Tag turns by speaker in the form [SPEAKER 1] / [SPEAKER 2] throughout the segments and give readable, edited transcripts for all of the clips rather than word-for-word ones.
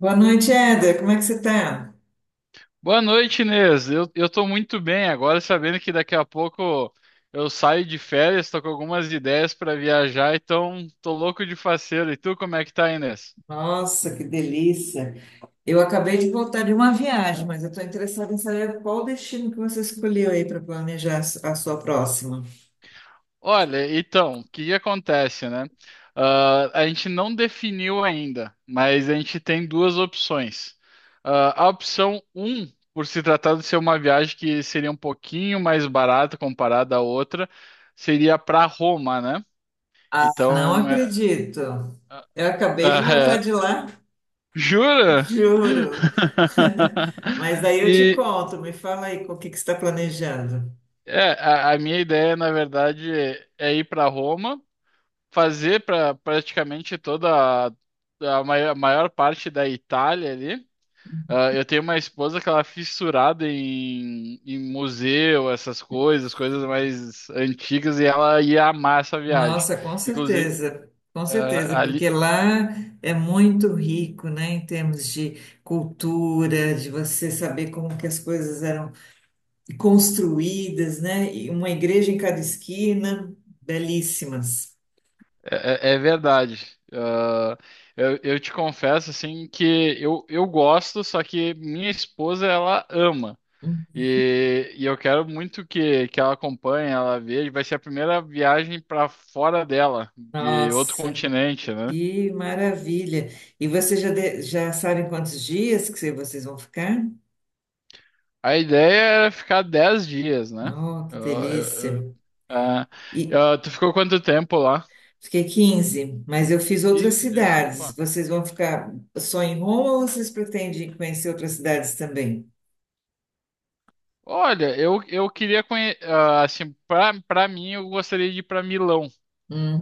[SPEAKER 1] Boa noite, Éder. Como é que você está?
[SPEAKER 2] Boa noite, Inês. Eu tô muito bem agora, sabendo que daqui a pouco eu saio de férias, tô com algumas ideias para viajar, então tô louco de faceiro. E tu, como é que tá, Inês?
[SPEAKER 1] Nossa, que delícia! Eu acabei de voltar de uma viagem, mas eu estou interessada em saber qual o destino que você escolheu aí para planejar a sua próxima.
[SPEAKER 2] Olha, então, o que que acontece, né? A gente não definiu ainda, mas a gente tem duas opções. A opção um, por se tratar de ser uma viagem que seria um pouquinho mais barata comparada à outra, seria para Roma, né?
[SPEAKER 1] Ah, não
[SPEAKER 2] Então,
[SPEAKER 1] acredito. Eu acabei de voltar de lá,
[SPEAKER 2] Jura?
[SPEAKER 1] juro. Mas aí eu te
[SPEAKER 2] E
[SPEAKER 1] conto. Me fala aí com o que que você está planejando.
[SPEAKER 2] a minha ideia, na verdade, é ir para Roma, fazer para praticamente toda a maior parte da Itália ali. Ah, eu tenho uma esposa que ela é fissurada em museu, essas coisas, coisas mais antigas, e ela ia amar essa viagem.
[SPEAKER 1] Nossa,
[SPEAKER 2] Inclusive,
[SPEAKER 1] com certeza, porque lá é muito rico, né, em termos de cultura, de você saber como que as coisas eram construídas, né, e uma igreja em cada esquina, belíssimas.
[SPEAKER 2] é, é verdade. Ah, eu te confesso assim que eu gosto, só que minha esposa ela ama. E eu quero muito que ela acompanhe, ela veja. Vai ser a primeira viagem para fora dela, de outro
[SPEAKER 1] Nossa,
[SPEAKER 2] continente, né?
[SPEAKER 1] que maravilha! E vocês já, de- já sabem quantos dias que vocês vão ficar?
[SPEAKER 2] A ideia era ficar 10 dias, né?
[SPEAKER 1] Oh, que
[SPEAKER 2] Eu-
[SPEAKER 1] delícia!
[SPEAKER 2] eu- eu- ah,
[SPEAKER 1] E,
[SPEAKER 2] ah, tu ficou quanto tempo lá?
[SPEAKER 1] fiquei 15, mas eu fiz outras
[SPEAKER 2] 15 dias,
[SPEAKER 1] cidades.
[SPEAKER 2] opa.
[SPEAKER 1] Vocês vão ficar só em Roma ou vocês pretendem conhecer outras cidades também?
[SPEAKER 2] Olha, eu queria conhecer, assim, pra mim, eu gostaria de ir pra Milão.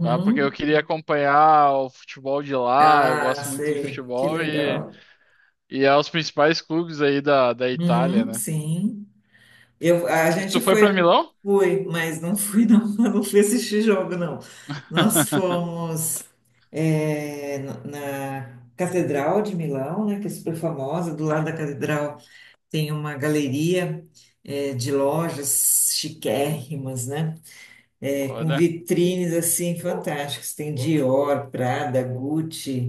[SPEAKER 2] Tá? Porque eu queria acompanhar o futebol de lá, eu
[SPEAKER 1] Ah,
[SPEAKER 2] gosto muito de
[SPEAKER 1] sei. Que
[SPEAKER 2] futebol
[SPEAKER 1] legal.
[SPEAKER 2] e é os principais clubes aí da Itália,
[SPEAKER 1] Uhum,
[SPEAKER 2] né?
[SPEAKER 1] sim.
[SPEAKER 2] Tu,
[SPEAKER 1] A
[SPEAKER 2] tu
[SPEAKER 1] gente
[SPEAKER 2] foi para
[SPEAKER 1] foi,
[SPEAKER 2] Milão?
[SPEAKER 1] fui, mas não fui, não, eu não fui assistir jogo, não. Nós fomos é, na Catedral de Milão, né, que é super famosa. Do lado da catedral tem uma galeria é, de lojas chiquérrimas, né? É, com
[SPEAKER 2] Olha,
[SPEAKER 1] vitrines assim fantásticas. Tem Dior, Prada, Gucci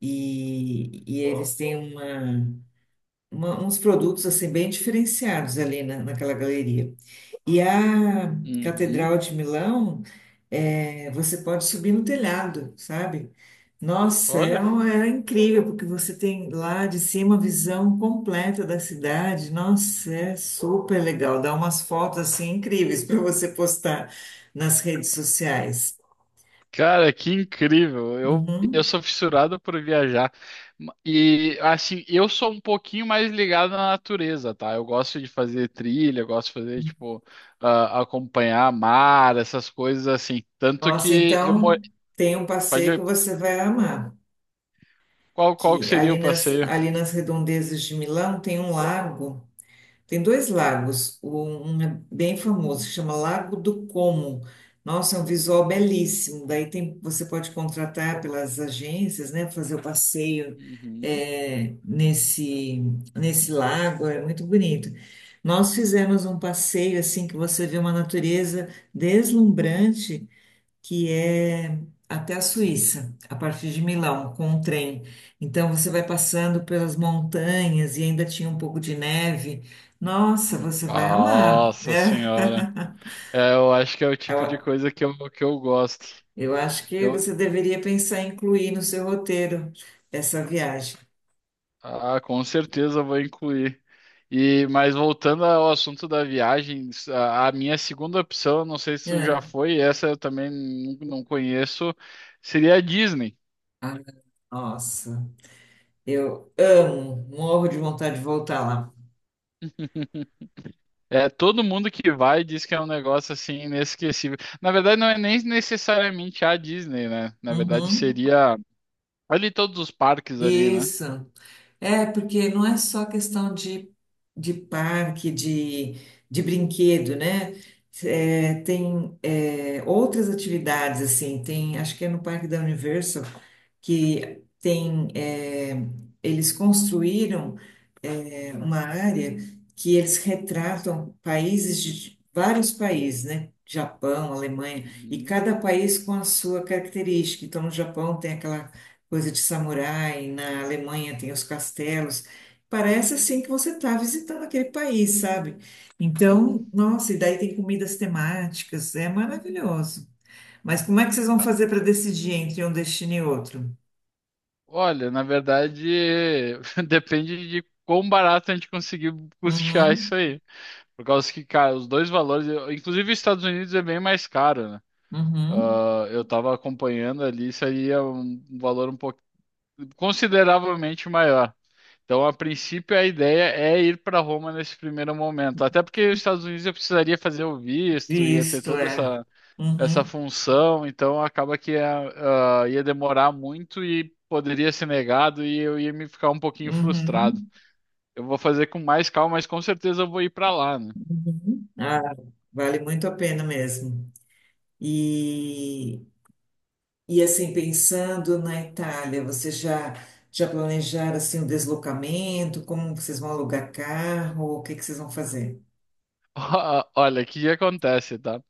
[SPEAKER 1] e eles têm uma- uns produtos assim bem diferenciados naquela galeria. E a
[SPEAKER 2] uhum,
[SPEAKER 1] Catedral de Milão, é, você pode subir no telhado, sabe? Nossa, é,
[SPEAKER 2] olha.
[SPEAKER 1] era incrível, porque você tem lá de cima a visão completa da cidade. Nossa, é super legal. Dá umas fotos assim incríveis para você postar nas redes sociais.
[SPEAKER 2] Cara, que incrível! Eu
[SPEAKER 1] Uhum.
[SPEAKER 2] sou fissurado por viajar. E assim, eu sou um pouquinho mais ligado na natureza, tá? Eu gosto de fazer trilha, eu gosto de fazer, tipo, ah, acompanhar mar, essas coisas assim. Tanto
[SPEAKER 1] Nossa,
[SPEAKER 2] que eu moro.
[SPEAKER 1] então tem um
[SPEAKER 2] Pode
[SPEAKER 1] passeio que
[SPEAKER 2] ver
[SPEAKER 1] você vai amar.
[SPEAKER 2] qual que
[SPEAKER 1] Que
[SPEAKER 2] seria o passeio?
[SPEAKER 1] ali nas redondezas de Milão tem um lago. Tem dois lagos, um é bem famoso, se chama Lago do Como. Nossa, é um visual belíssimo. Daí tem, você pode contratar pelas agências, né, fazer o passeio
[SPEAKER 2] Uhum.
[SPEAKER 1] é, nesse lago, é muito bonito. Nós fizemos um passeio assim que você vê uma natureza deslumbrante, que é até a Suíça, a partir de Milão, com um trem. Então você vai passando pelas montanhas e ainda tinha um pouco de neve. Nossa, você vai amar,
[SPEAKER 2] Nossa
[SPEAKER 1] né?
[SPEAKER 2] senhora. É, eu acho que é o tipo de
[SPEAKER 1] Eu
[SPEAKER 2] coisa que eu gosto.
[SPEAKER 1] eu acho que
[SPEAKER 2] Eu,
[SPEAKER 1] você deveria pensar em incluir no seu roteiro essa viagem.
[SPEAKER 2] ah, com certeza eu vou incluir. E, mas voltando ao assunto da viagem, a minha segunda opção, não sei se já
[SPEAKER 1] É.
[SPEAKER 2] foi, essa eu também não conheço, seria a Disney.
[SPEAKER 1] Ah, nossa, eu amo, morro de vontade de voltar lá.
[SPEAKER 2] É, todo mundo que vai diz que é um negócio assim inesquecível. Na verdade, não é nem necessariamente a Disney, né? Na verdade,
[SPEAKER 1] Uhum.
[SPEAKER 2] seria ali todos os parques ali, né?
[SPEAKER 1] Isso. É, porque não é só questão de parque, de brinquedo, né? É, tem é, outras atividades, assim, tem, acho que é no Parque da Universal que tem, é, eles construíram uma área que eles retratam países de vários países, né? Japão, Alemanha, e
[SPEAKER 2] Uhum.
[SPEAKER 1] cada país com a sua característica. Então, no Japão tem aquela coisa de samurai, na Alemanha tem os castelos. Parece assim que você está visitando aquele país, sabe? Então, nossa, e daí tem comidas temáticas, é maravilhoso. Mas como é que vocês vão
[SPEAKER 2] Ah,
[SPEAKER 1] fazer para decidir entre um destino e outro?
[SPEAKER 2] olha, na verdade, depende de quão barato a gente conseguir custear isso
[SPEAKER 1] Uhum,
[SPEAKER 2] aí. Por causa que, cara, os dois valores, inclusive os Estados Unidos é bem mais caro, né?
[SPEAKER 1] uhum.
[SPEAKER 2] Ah, eu tava acompanhando ali, isso aí é um valor um pouco consideravelmente maior. Então, a princípio, a ideia é ir para Roma nesse primeiro momento. Até porque os Estados Unidos eu precisaria fazer o visto, ia ter
[SPEAKER 1] Visto,
[SPEAKER 2] toda
[SPEAKER 1] é.
[SPEAKER 2] essa
[SPEAKER 1] Uhum.
[SPEAKER 2] função, então acaba que ia, ah, ia demorar muito e poderia ser negado e eu ia me ficar um pouquinho frustrado.
[SPEAKER 1] Uhum,
[SPEAKER 2] Eu vou fazer com mais calma, mas com certeza eu vou ir para lá, né?
[SPEAKER 1] uhum. Ah, vale muito a pena mesmo. E, e assim, pensando na Itália, você já, já planejaram assim, o deslocamento? Como vocês vão alugar carro? O que que vocês vão fazer?
[SPEAKER 2] Olha, o que que acontece, tá?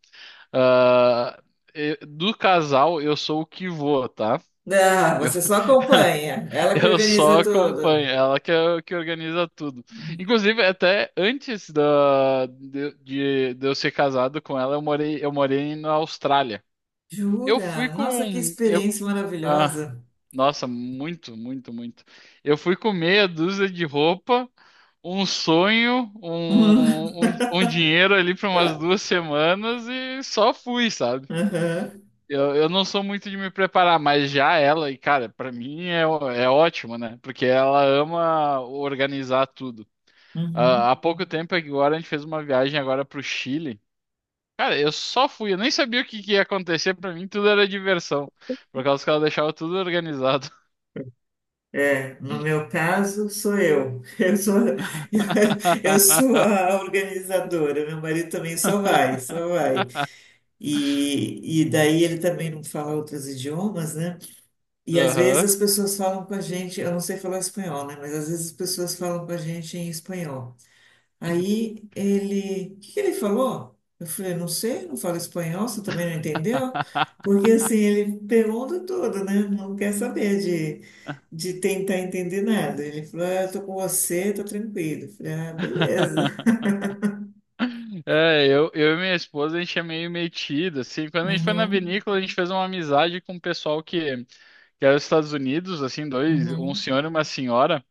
[SPEAKER 2] Ah, do casal, eu sou o que vou, tá?
[SPEAKER 1] Ah,
[SPEAKER 2] Eu,
[SPEAKER 1] você só acompanha. Ela que
[SPEAKER 2] eu só
[SPEAKER 1] organiza
[SPEAKER 2] acompanho,
[SPEAKER 1] tudo.
[SPEAKER 2] ela que organiza tudo. Inclusive, até antes de eu ser casado com ela, eu morei na Austrália. Eu fui
[SPEAKER 1] Jura? Nossa, que
[SPEAKER 2] com. Eu,
[SPEAKER 1] experiência
[SPEAKER 2] Ah,
[SPEAKER 1] maravilhosa.
[SPEAKER 2] nossa, muito, muito, muito. Eu fui com meia dúzia de roupa, um sonho,
[SPEAKER 1] Uhum.
[SPEAKER 2] um dinheiro ali para umas 2 semanas e só fui, sabe?
[SPEAKER 1] Aham.
[SPEAKER 2] Eu não sou muito de me preparar, mas já ela, e cara, para mim é, é ótimo, né? Porque ela ama organizar tudo. Ah,
[SPEAKER 1] Uhum.
[SPEAKER 2] há pouco tempo agora a gente fez uma viagem agora pro Chile. Cara, eu só fui, eu nem sabia o que que ia acontecer, para mim tudo era diversão, por causa que ela deixava tudo organizado.
[SPEAKER 1] É, no meu caso, sou eu. Eu sou, eu sou a organizadora. Meu marido também só vai, só vai. E daí ele também não fala outros idiomas, né? E às vezes
[SPEAKER 2] Aham.
[SPEAKER 1] as pessoas falam com a gente, eu não sei falar espanhol, né? Mas às vezes as pessoas falam com a gente em espanhol. Aí ele, o que que ele falou? Eu falei, não sei, não falo espanhol, você também não entendeu? Porque assim, ele pergunta tudo, né? Não quer saber de tentar entender nada. Ele falou, ah, eu tô com você, tô tranquilo. Eu falei, ah, beleza.
[SPEAKER 2] Eu e minha esposa, a gente é meio metido, assim, quando a gente foi na
[SPEAKER 1] Uhum,
[SPEAKER 2] vinícola, a gente fez uma amizade com um pessoal que era dos Estados Unidos, assim, dois, um
[SPEAKER 1] uhum,
[SPEAKER 2] senhor e uma senhora,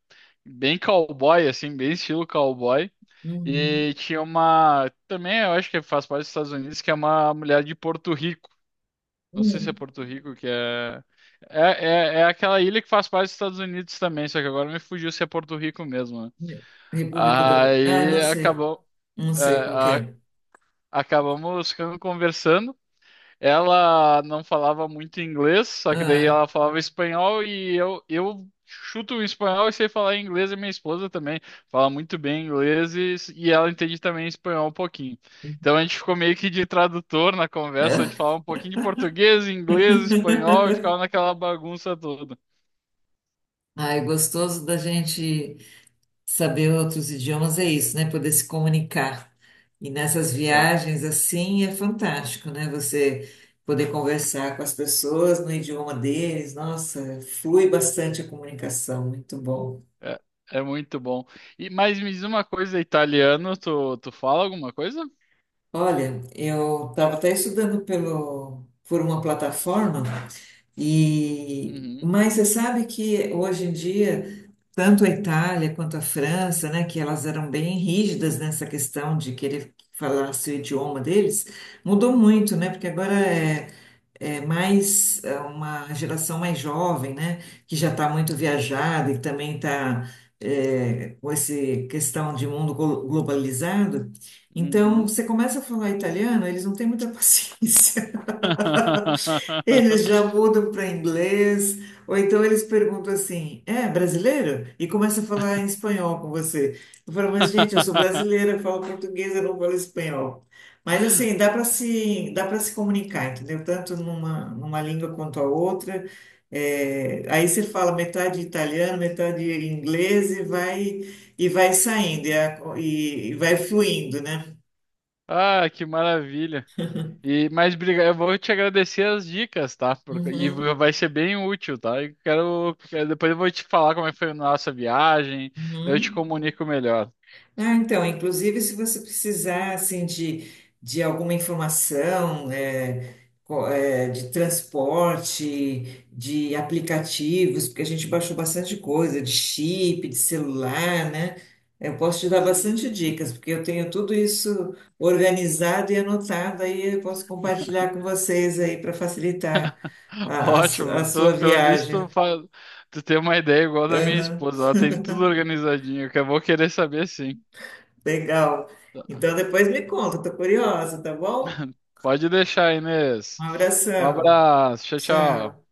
[SPEAKER 2] bem cowboy, assim, bem estilo cowboy,
[SPEAKER 1] uhum.
[SPEAKER 2] e tinha uma, também eu acho que faz parte dos Estados Unidos, que é uma mulher de Porto Rico, não sei se é
[SPEAKER 1] Hum.
[SPEAKER 2] Porto Rico, que é... É, é aquela ilha que faz parte dos Estados Unidos também, só que agora me fugiu se é Porto Rico mesmo, né?
[SPEAKER 1] República do... Ah,
[SPEAKER 2] Aí
[SPEAKER 1] não sei,
[SPEAKER 2] acabou,
[SPEAKER 1] não
[SPEAKER 2] é,
[SPEAKER 1] sei qual que
[SPEAKER 2] a-
[SPEAKER 1] é.
[SPEAKER 2] acabamos ficando conversando. Ela não falava muito inglês, só que daí
[SPEAKER 1] Ah,
[SPEAKER 2] ela falava espanhol e eu chuto o espanhol e sei falar inglês e minha esposa também fala muito bem inglês e ela entende também espanhol um pouquinho. Então a gente ficou meio que de tradutor na conversa, a gente
[SPEAKER 1] é.
[SPEAKER 2] falava um pouquinho de português, inglês, espanhol e ficava naquela bagunça toda.
[SPEAKER 1] Ai, gostoso da gente. Saber outros idiomas é isso, né? Poder se comunicar. E nessas
[SPEAKER 2] É,
[SPEAKER 1] viagens, assim, é fantástico, né? Você poder conversar com as pessoas no idioma deles. Nossa, flui bastante a comunicação, muito bom.
[SPEAKER 2] é, é muito bom. E, mas me diz uma coisa, italiano, tu fala alguma coisa?
[SPEAKER 1] Olha, eu estava até estudando por uma plataforma. E,
[SPEAKER 2] Uhum,
[SPEAKER 1] mas você sabe que hoje em dia, tanto a Itália quanto a França, né, que elas eram bem rígidas nessa questão de querer falar o idioma deles, mudou muito, né? Porque agora é, é mais é, uma geração mais jovem, né, que já está muito viajada e também está com essa questão de mundo globalizado. Então,
[SPEAKER 2] uhum.
[SPEAKER 1] você começa a falar italiano, eles não têm muita paciência. Eles já mudam para inglês, ou então eles perguntam assim: é brasileiro? E começa a falar em espanhol com você. Eu falo, mas gente, eu sou brasileira, eu falo português, eu não falo espanhol. Mas assim, dá para se comunicar, entendeu? Tanto numa, numa língua quanto a outra. É, aí você fala metade italiano, metade inglês e vai saindo, e vai fluindo, né?
[SPEAKER 2] Ah, que maravilha. E mais obrigado, eu vou te agradecer as dicas, tá? E
[SPEAKER 1] Uhum,
[SPEAKER 2] vai ser bem útil, tá? Eu depois eu vou te falar como é que foi a nossa viagem, eu te
[SPEAKER 1] uhum.
[SPEAKER 2] comunico melhor.
[SPEAKER 1] Ah, então, inclusive se você precisar assim de alguma informação eh, de transporte, de aplicativos, porque a gente baixou bastante coisa, de chip, de celular, né? Eu posso te dar bastante
[SPEAKER 2] Uhum.
[SPEAKER 1] dicas, porque eu tenho tudo isso organizado e anotado, aí eu posso compartilhar com vocês aí para facilitar a
[SPEAKER 2] Ótimo.
[SPEAKER 1] sua
[SPEAKER 2] Pelo
[SPEAKER 1] viagem.
[SPEAKER 2] visto, tu tem uma ideia igual da minha
[SPEAKER 1] Aham,
[SPEAKER 2] esposa, ela tem tudo organizadinho, que eu vou querer saber sim.
[SPEAKER 1] legal. Então depois me conta, estou curiosa, tá bom?
[SPEAKER 2] Pode deixar,
[SPEAKER 1] Um
[SPEAKER 2] Inês. Um
[SPEAKER 1] abração.
[SPEAKER 2] abraço. Tchau,
[SPEAKER 1] Tchau.
[SPEAKER 2] tchau.